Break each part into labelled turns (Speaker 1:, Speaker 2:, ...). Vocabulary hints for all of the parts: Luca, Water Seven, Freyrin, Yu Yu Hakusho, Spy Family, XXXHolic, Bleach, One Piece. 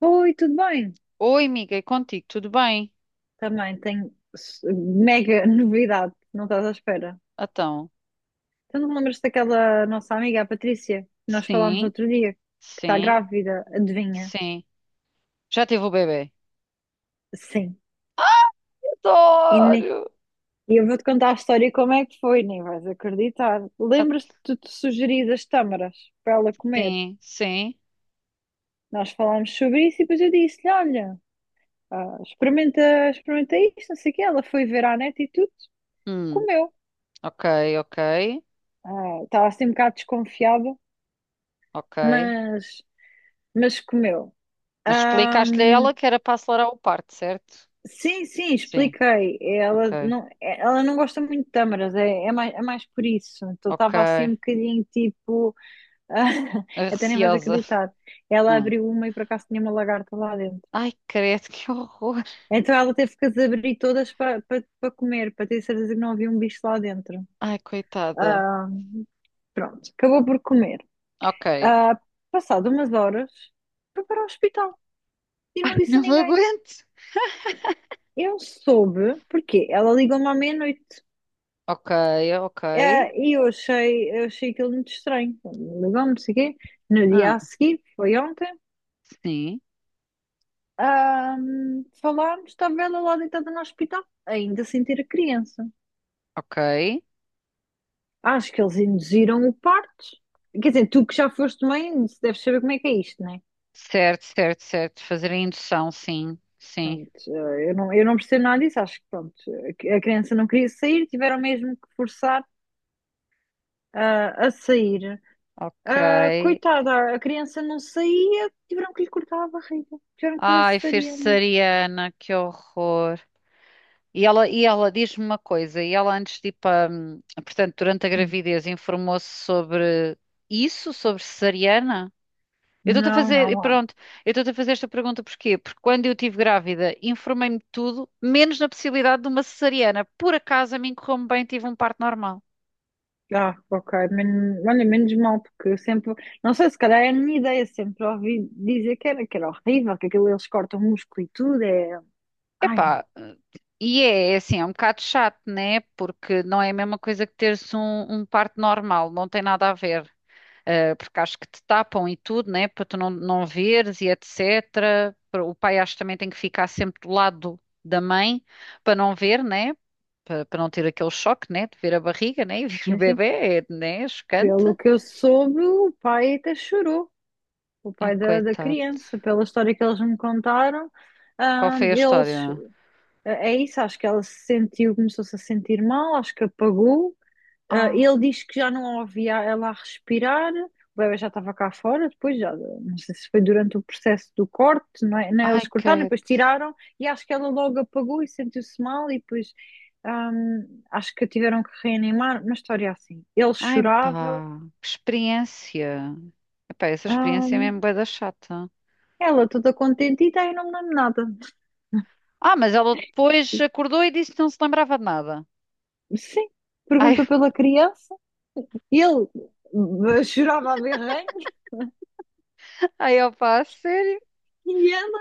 Speaker 1: Oi, tudo bem?
Speaker 2: Oi, amiga, e contigo, tudo bem?
Speaker 1: Também tenho mega novidade, não estás à espera.
Speaker 2: Então,
Speaker 1: Tu não te lembras daquela nossa amiga, a Patrícia, que nós falámos no
Speaker 2: sim,
Speaker 1: outro dia, que está
Speaker 2: sim,
Speaker 1: grávida, adivinha?
Speaker 2: sim. Já tive o bebê?
Speaker 1: Sim. E ne-
Speaker 2: Adoro!
Speaker 1: e eu vou-te contar a história e como é que foi, nem vais acreditar.
Speaker 2: Ah,
Speaker 1: Lembras-te de te sugerir as tâmaras para ela comer?
Speaker 2: sim, sim.
Speaker 1: Nós falámos sobre isso e depois eu disse-lhe, olha, experimenta, experimenta isto, não sei o quê. Ela foi ver à net e tudo,
Speaker 2: Hum,
Speaker 1: comeu.
Speaker 2: ok, ok,
Speaker 1: Estava assim um bocado desconfiada.
Speaker 2: ok.
Speaker 1: Mas Mas comeu.
Speaker 2: Mas explicaste-lhe a
Speaker 1: Ahm,
Speaker 2: ela que era para acelerar o parto, certo?
Speaker 1: sim, sim,
Speaker 2: Sim,
Speaker 1: expliquei. Ela
Speaker 2: ok,
Speaker 1: não, ela não gosta muito de tâmaras, é, é mais por isso. Então
Speaker 2: ok.
Speaker 1: estava assim um bocadinho tipo.
Speaker 2: A
Speaker 1: Até nem vais
Speaker 2: Receosa.
Speaker 1: acreditar. Ela
Speaker 2: Ah.
Speaker 1: abriu uma e por acaso tinha uma lagarta lá dentro.
Speaker 2: Ai, credo, que horror.
Speaker 1: Então ela teve que as abrir todas para comer, para ter certeza que não havia um bicho lá dentro.
Speaker 2: Ai, coitada.
Speaker 1: Ah, Pronto, acabou por comer.
Speaker 2: Ok.
Speaker 1: Ah, Passado umas horas, foi para o hospital e não disse a
Speaker 2: Não me
Speaker 1: ninguém.
Speaker 2: aguento.
Speaker 1: Eu soube, porque ela ligou-me à meia-noite.
Speaker 2: Ok, ok.
Speaker 1: E eu achei aquilo muito estranho. Ligou-me, não sei o quê. No
Speaker 2: Ah,
Speaker 1: dia a seguir, foi ontem,
Speaker 2: sim,
Speaker 1: falámos, estava ela lá deitada no hospital, ainda sem ter a criança.
Speaker 2: ok.
Speaker 1: Acho que eles induziram o parto. Quer dizer, tu que já foste mãe, deves saber como é que é isto, não é?
Speaker 2: Certo, certo, certo. Fazer a indução, sim, sim.
Speaker 1: Pronto, eu não percebo nada disso. Acho que pronto, a criança não queria sair, tiveram mesmo que forçar, a sair.
Speaker 2: Ok.
Speaker 1: Ah, coitada, a criança não saía, tiveram que lhe cortar a barriga, tiveram que fazer
Speaker 2: Ai,
Speaker 1: cesariana.
Speaker 2: fersariana, que horror. E ela diz-me uma coisa, e ela antes de ir para, portanto, durante a
Speaker 1: Hum.
Speaker 2: gravidez, informou-se sobre isso, sobre cesariana? Eu estou-te a
Speaker 1: Não,
Speaker 2: fazer, e
Speaker 1: não há.
Speaker 2: pronto, eu estou-te a fazer esta pergunta porquê? Porque quando eu estive grávida, informei-me de tudo, menos na possibilidade de uma cesariana. Por acaso, a mim correu-me bem, tive um parto normal.
Speaker 1: Ah, ok, Men olha, menos mal, porque eu sempre, não sei, se calhar é a minha ideia, sempre ouvi dizer que era horrível, que aquilo eles cortam o músculo e tudo, é. Ai,
Speaker 2: Epá, e é assim, é um bocado chato, né? Porque não é a mesma coisa que teres um parto normal, não tem nada a ver. Eh, porque acho que te tapam e tudo, né? Para tu não, não veres e etc. Para- O pai acho que também tem que ficar sempre do lado da mãe para não ver, né? Para, para não ter aquele choque, né? De ver a barriga, né? E ver o
Speaker 1: não sei.
Speaker 2: bebê, é, né? Chocante.
Speaker 1: Pelo que eu soube, o pai até chorou, o
Speaker 2: Ai,
Speaker 1: pai da, da
Speaker 2: coitado.
Speaker 1: criança, pela história que eles me contaram.
Speaker 2: Qual
Speaker 1: Ah,
Speaker 2: foi a
Speaker 1: eles,
Speaker 2: história?
Speaker 1: é é isso, acho que ela se sentiu, começou-se a sentir mal, acho que apagou.
Speaker 2: Ah,
Speaker 1: Ele diz que já não ouvia ela a respirar, o bebé já estava cá fora, depois já, não sei se foi durante o processo do corte, não é? Não é? Eles
Speaker 2: ai,
Speaker 1: cortaram,
Speaker 2: credo.
Speaker 1: depois tiraram, e acho que ela logo apagou e sentiu-se mal, e depois acho que a tiveram que reanimar, uma história assim. Ele
Speaker 2: Ai,
Speaker 1: chorava,
Speaker 2: pá, que experiência. Epá, essa experiência é
Speaker 1: hum,
Speaker 2: mesmo bué da chata.
Speaker 1: ela toda contente, e daí não me lembro nada.
Speaker 2: Ah, mas ela depois acordou e disse que não se lembrava de nada.
Speaker 1: Sim,
Speaker 2: Ai,
Speaker 1: perguntou pela criança, ele chorava a berranho,
Speaker 2: ai, opá, a sério?
Speaker 1: e ela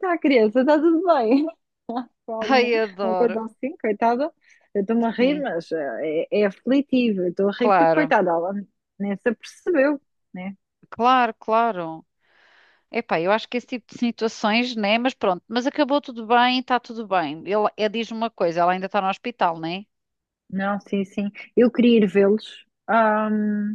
Speaker 1: tá, criança, tá tudo bem? Por alguma
Speaker 2: Ai,
Speaker 1: uma
Speaker 2: adoro.
Speaker 1: coisa assim, coitada. Eu estou-me a rir,
Speaker 2: Sim,
Speaker 1: mas é, é aflitivo. Eu estou a rir porque,
Speaker 2: claro,
Speaker 1: coitada, ela nem se apercebeu, né?
Speaker 2: claro, claro. Epá, eu acho que esse tipo de situações, né? Mas pronto, mas acabou tudo bem, está tudo bem. Ele diz uma coisa, ela ainda está no hospital, né?
Speaker 1: Não, sim, sim. Eu queria ir vê-los.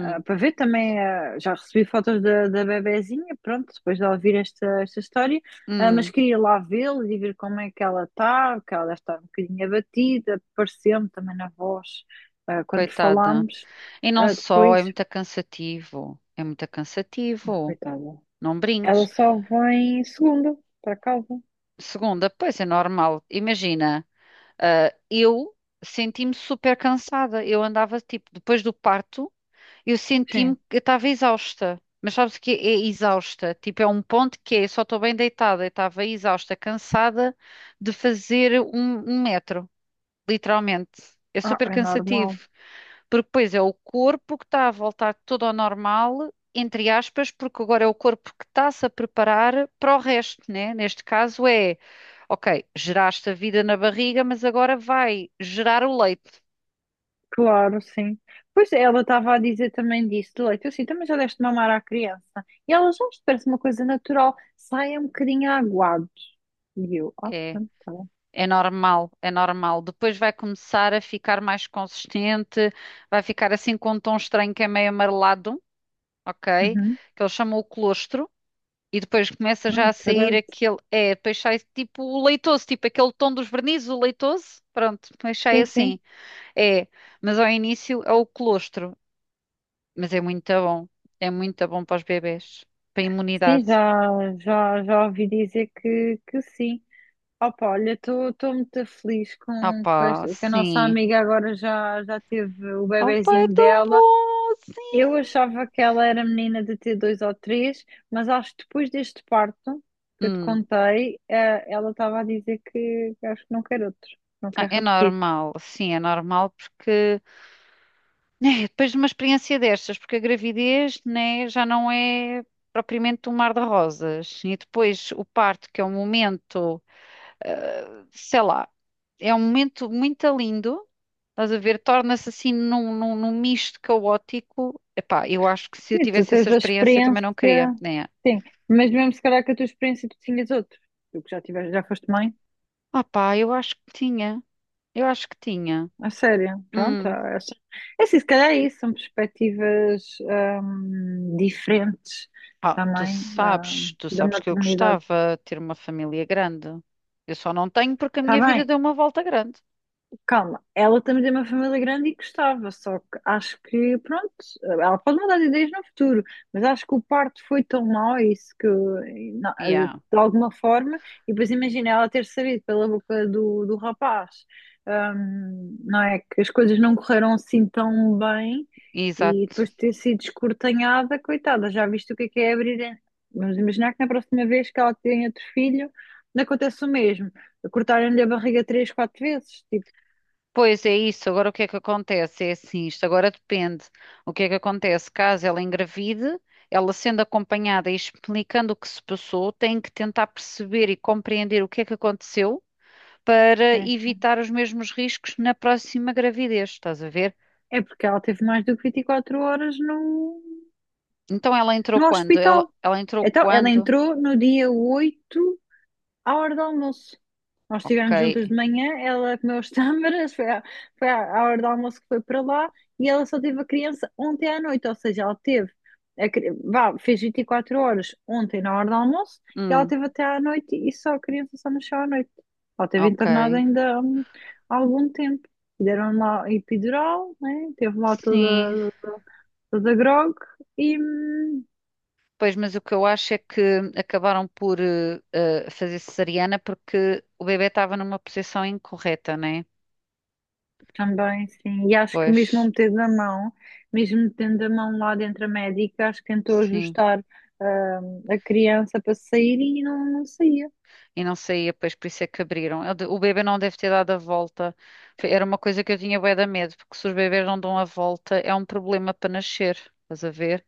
Speaker 1: Para ver também, já recebi fotos da, da bebezinha, pronto, depois de ela ouvir esta, esta história, mas
Speaker 2: hum,
Speaker 1: queria lá vê-los e ver como é que ela está, porque ela deve estar um bocadinho abatida, pareceu-me também na voz, quando
Speaker 2: coitada.
Speaker 1: falámos,
Speaker 2: E não só,
Speaker 1: depois.
Speaker 2: é muito cansativo. É muito cansativo.
Speaker 1: Coitada.
Speaker 2: Não
Speaker 1: Ela
Speaker 2: brinques.
Speaker 1: só vem segunda para casa.
Speaker 2: Segunda, pois é normal. Imagina. Ah, eu senti-me super cansada. Eu andava, tipo, depois do parto, eu senti-me
Speaker 1: Sim.
Speaker 2: que eu estava exausta. Mas sabes o que é exausta? Tipo, é um ponto que é, só estou bem deitada. Eu estava exausta, cansada de fazer um metro, literalmente. É
Speaker 1: Ah,
Speaker 2: super
Speaker 1: é
Speaker 2: cansativo.
Speaker 1: normal.
Speaker 2: Porque depois é o corpo que está a voltar tudo ao normal, entre aspas, porque agora é o corpo que está-se a preparar para o resto, né? Neste caso é, ok, geraste a vida na barriga, mas agora vai gerar o leite.
Speaker 1: Claro, sim. Pois é, ela estava a dizer também disso, de leite. Eu sim, também já deste mamar à criança. E ela já isto parece uma coisa natural. Sai um bocadinho aguado. E eu,
Speaker 2: É,
Speaker 1: pronto, tá bom.
Speaker 2: é normal, é normal. Depois vai começar a ficar mais consistente, vai ficar assim com um tom estranho que é meio amarelado, ok?
Speaker 1: Uhum.
Speaker 2: Que eles chamam o colostro. E depois começa já
Speaker 1: Ai,
Speaker 2: a sair
Speaker 1: caralho.
Speaker 2: aquele. É, depois sai tipo o leitoso, tipo aquele tom dos vernizes, o leitoso. Pronto, depois sai
Speaker 1: Sim, sim.
Speaker 2: assim. É, mas ao início é o colostro. Mas é muito bom. É muito bom para os bebés. Para a
Speaker 1: Sim,
Speaker 2: imunidade.
Speaker 1: já, já, já ouvi dizer que sim. Opa, olha, estou muito feliz
Speaker 2: Ah
Speaker 1: com
Speaker 2: pá,
Speaker 1: que a nossa
Speaker 2: sim.
Speaker 1: amiga agora já, já teve o
Speaker 2: Ah pá, é
Speaker 1: bebezinho
Speaker 2: tão
Speaker 1: dela.
Speaker 2: bom,
Speaker 1: Eu
Speaker 2: sim.
Speaker 1: achava que ela era menina de ter dois ou três, mas acho que depois deste parto que eu te
Speaker 2: Hum.
Speaker 1: contei, ela estava a dizer que acho que não quer outro, não
Speaker 2: Ah,
Speaker 1: quer
Speaker 2: é
Speaker 1: repetir.
Speaker 2: normal, sim, é normal porque. É, depois de uma experiência destas, porque a gravidez, né, já não é propriamente um mar de rosas. E depois o parto, que é um momento. Eh, sei lá, é um momento muito lindo, estás a ver? Torna-se assim num misto caótico. Epá, eu acho que se eu
Speaker 1: Sim, tu
Speaker 2: tivesse essa
Speaker 1: tens a
Speaker 2: experiência também
Speaker 1: experiência,
Speaker 2: não queria, né?
Speaker 1: sim, mas mesmo se calhar que a tua experiência tu tinhas outro, tu que já tiveste, já foste mãe,
Speaker 2: Ah pá, eu acho que tinha, eu acho que tinha.
Speaker 1: a sério, pronto,
Speaker 2: Hum.
Speaker 1: é assim, se calhar é isso, são perspectivas diferentes
Speaker 2: Ah,
Speaker 1: também
Speaker 2: tu
Speaker 1: da
Speaker 2: sabes que eu
Speaker 1: maternidade.
Speaker 2: gostava de ter uma família grande. Eu só não tenho porque a
Speaker 1: Está
Speaker 2: minha vida
Speaker 1: bem,
Speaker 2: deu uma volta grande.
Speaker 1: calma, ela também tem uma família grande e gostava, só que acho que, pronto, ela pode mudar de ideias no futuro, mas acho que o parto foi tão mau, é isso que,
Speaker 2: Yeah,
Speaker 1: de alguma forma, e depois imagina ela ter sabido pela boca do, do rapaz, não é? Que as coisas não correram assim tão bem e
Speaker 2: exato.
Speaker 1: depois de ter sido escortanhada, coitada, já viste o que é abrir. Vamos imaginar que na próxima vez que ela tem outro filho, não acontece o mesmo cortarem-lhe a barriga três, quatro vezes. Tipo,
Speaker 2: Pois é isso, agora o que é que acontece? É assim, isto agora depende. O que é que acontece? Caso ela engravide, ela sendo acompanhada e explicando o que se passou, tem que tentar perceber e compreender o que é que aconteceu para
Speaker 1: sim, sim.
Speaker 2: evitar os mesmos riscos na próxima gravidez, estás a ver?
Speaker 1: É porque ela teve mais do que 24 horas no,
Speaker 2: Então ela entrou
Speaker 1: no
Speaker 2: quando? Ela,
Speaker 1: hospital.
Speaker 2: ela entrou
Speaker 1: Então, ela
Speaker 2: quando?
Speaker 1: entrou no dia oito, à hora do almoço. Nós
Speaker 2: Ok.
Speaker 1: estivemos juntas de manhã, ela comeu as tâmaras, foi à, à hora do almoço que foi para lá e ela só teve a criança ontem à noite, ou seja, ela teve, vá, fez 24 horas ontem na hora do almoço e ela
Speaker 2: Hum,
Speaker 1: teve até à noite e só a criança só nasceu à noite. Ela teve
Speaker 2: ok.
Speaker 1: internada ainda há algum tempo. E deram lá epidural, né? Teve lá
Speaker 2: Sim,
Speaker 1: toda, toda, toda grog e,
Speaker 2: pois, mas o que eu acho é que acabaram por fazer cesariana porque o bebê estava numa posição incorreta, né?
Speaker 1: também, sim. E acho que
Speaker 2: Pois,
Speaker 1: mesmo eu metendo a mão, mesmo metendo a mão lá dentro a médica, acho que tentou
Speaker 2: sim.
Speaker 1: ajustar a criança para sair e não, não saía.
Speaker 2: E não saía, pois, por isso é que abriram. Eu de- O bebê não deve ter dado a volta. Foi- Era uma coisa que eu tinha bué de medo, porque se os bebês não dão a volta, é um problema para nascer. Estás a ver?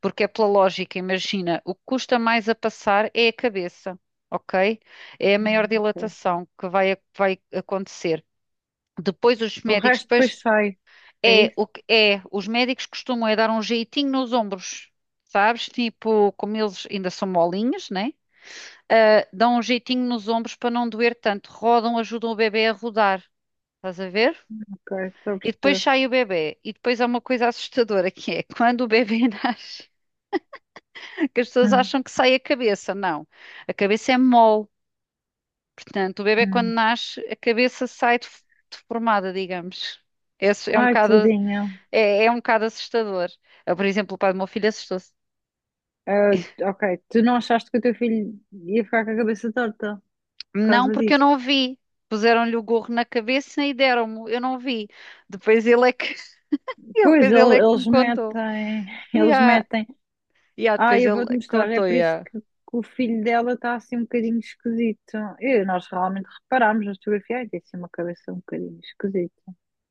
Speaker 2: Porque é pela lógica, imagina, o que custa mais a passar é a cabeça, ok? É a maior
Speaker 1: Ok.
Speaker 2: dilatação que vai, vai acontecer. Depois os
Speaker 1: O
Speaker 2: médicos,
Speaker 1: resto depois
Speaker 2: depois.
Speaker 1: sai. É
Speaker 2: É,
Speaker 1: isso?
Speaker 2: o que é, os médicos costumam é dar um jeitinho nos ombros, sabes? Tipo, como eles ainda são molinhos, né? Ah, dão um jeitinho nos ombros para não doer tanto. Rodam, ajudam o bebê a rodar, estás a ver?
Speaker 1: Ok, estou a
Speaker 2: E depois
Speaker 1: perceber.
Speaker 2: sai o bebê. E depois há uma coisa assustadora que é quando o bebê nasce, que as pessoas
Speaker 1: Hum,
Speaker 2: acham que sai a cabeça. Não, a cabeça é mole. Portanto, o bebê quando
Speaker 1: hum.
Speaker 2: nasce, a cabeça sai def- deformada, digamos. Esse é um
Speaker 1: Ai,
Speaker 2: bocado
Speaker 1: tadinha.
Speaker 2: é um bocado assustador. Eu, por exemplo, o pai do meu filho assustou-se.
Speaker 1: Ah, ok, tu não achaste que o teu filho ia ficar com a cabeça torta por
Speaker 2: Não,
Speaker 1: causa
Speaker 2: porque eu
Speaker 1: disso?
Speaker 2: não vi. Puseram-lhe o gorro na cabeça e deram-me. Eu não vi. Depois ele é que, ele,
Speaker 1: Pois,
Speaker 2: depois ele é que me
Speaker 1: eles
Speaker 2: contou.
Speaker 1: metem,
Speaker 2: E
Speaker 1: eles
Speaker 2: ah,
Speaker 1: metem. Ah,
Speaker 2: depois
Speaker 1: eu
Speaker 2: ele
Speaker 1: vou-te mostrar, é
Speaker 2: contou.
Speaker 1: por isso que o filho dela está assim um bocadinho esquisito. E nós realmente reparámos na fotografia, ai, tem assim uma cabeça um bocadinho esquisita.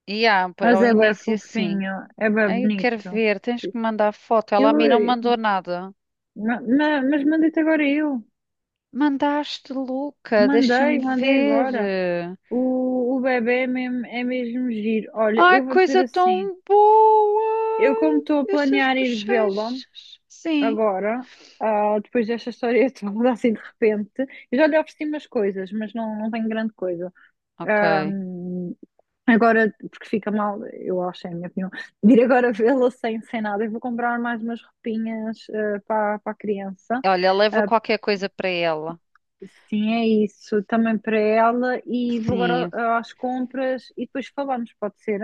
Speaker 2: e ah,
Speaker 1: Mas
Speaker 2: ao
Speaker 1: é bem
Speaker 2: início assim.
Speaker 1: fofinho, é bem
Speaker 2: Ai, eu quero
Speaker 1: bonito.
Speaker 2: ver, tens que mandar foto. Ela a
Speaker 1: Eu,
Speaker 2: mim não
Speaker 1: eh,
Speaker 2: mandou nada.
Speaker 1: ma- ma- mas mandei-te agora eu.
Speaker 2: Mandaste, Luca,
Speaker 1: Mandei,
Speaker 2: deixa-me
Speaker 1: mandei agora.
Speaker 2: ver.
Speaker 1: O bebê é mesmo giro. Olha,
Speaker 2: Ai,
Speaker 1: eu vou dizer
Speaker 2: coisa
Speaker 1: assim,
Speaker 2: tão
Speaker 1: eu
Speaker 2: boa!
Speaker 1: como estou a
Speaker 2: Estas
Speaker 1: planear ir vê-lo,
Speaker 2: bochechas. Sim,
Speaker 1: agora, depois desta história toda, assim de repente, eu já lhe ofereci umas coisas, mas não, não tenho grande coisa.
Speaker 2: ok.
Speaker 1: Ahm, agora, porque fica mal, eu acho, é a minha opinião, de ir agora vê-la sem, sem nada. Eu vou comprar mais umas roupinhas para, para a criança.
Speaker 2: Olha, leva
Speaker 1: Ah,
Speaker 2: qualquer coisa para ela.
Speaker 1: sim, é isso, também para ela. E vou agora
Speaker 2: Sim,
Speaker 1: às compras e depois falamos, pode ser?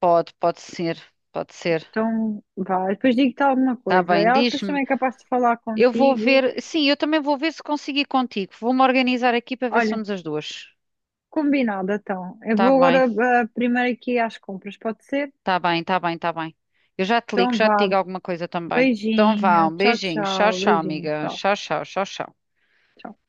Speaker 2: pode, pode ser, pode ser.
Speaker 1: Então, vá, depois digo-te alguma
Speaker 2: Tá
Speaker 1: coisa.
Speaker 2: bem,
Speaker 1: Ela depois
Speaker 2: diz-me.
Speaker 1: também é capaz de falar
Speaker 2: Eu vou
Speaker 1: contigo.
Speaker 2: ver. Sim, eu também vou ver se consigo ir contigo. Vou-me organizar aqui para ver se
Speaker 1: Olha.
Speaker 2: somos as duas.
Speaker 1: Combinado, então. Eu
Speaker 2: Tá
Speaker 1: vou
Speaker 2: bem,
Speaker 1: agora primeiro aqui às compras, pode ser?
Speaker 2: tá bem, tá bem, tá bem. Eu já te ligo,
Speaker 1: Então
Speaker 2: já te
Speaker 1: vá,
Speaker 2: digo alguma coisa também. Então vá,
Speaker 1: beijinho,
Speaker 2: um
Speaker 1: tchau,
Speaker 2: beijinho. Tchau,
Speaker 1: tchau,
Speaker 2: tchau,
Speaker 1: beijinho,
Speaker 2: amiga.
Speaker 1: tchau,
Speaker 2: Tchau, tchau, tchau, tchau.
Speaker 1: tchau.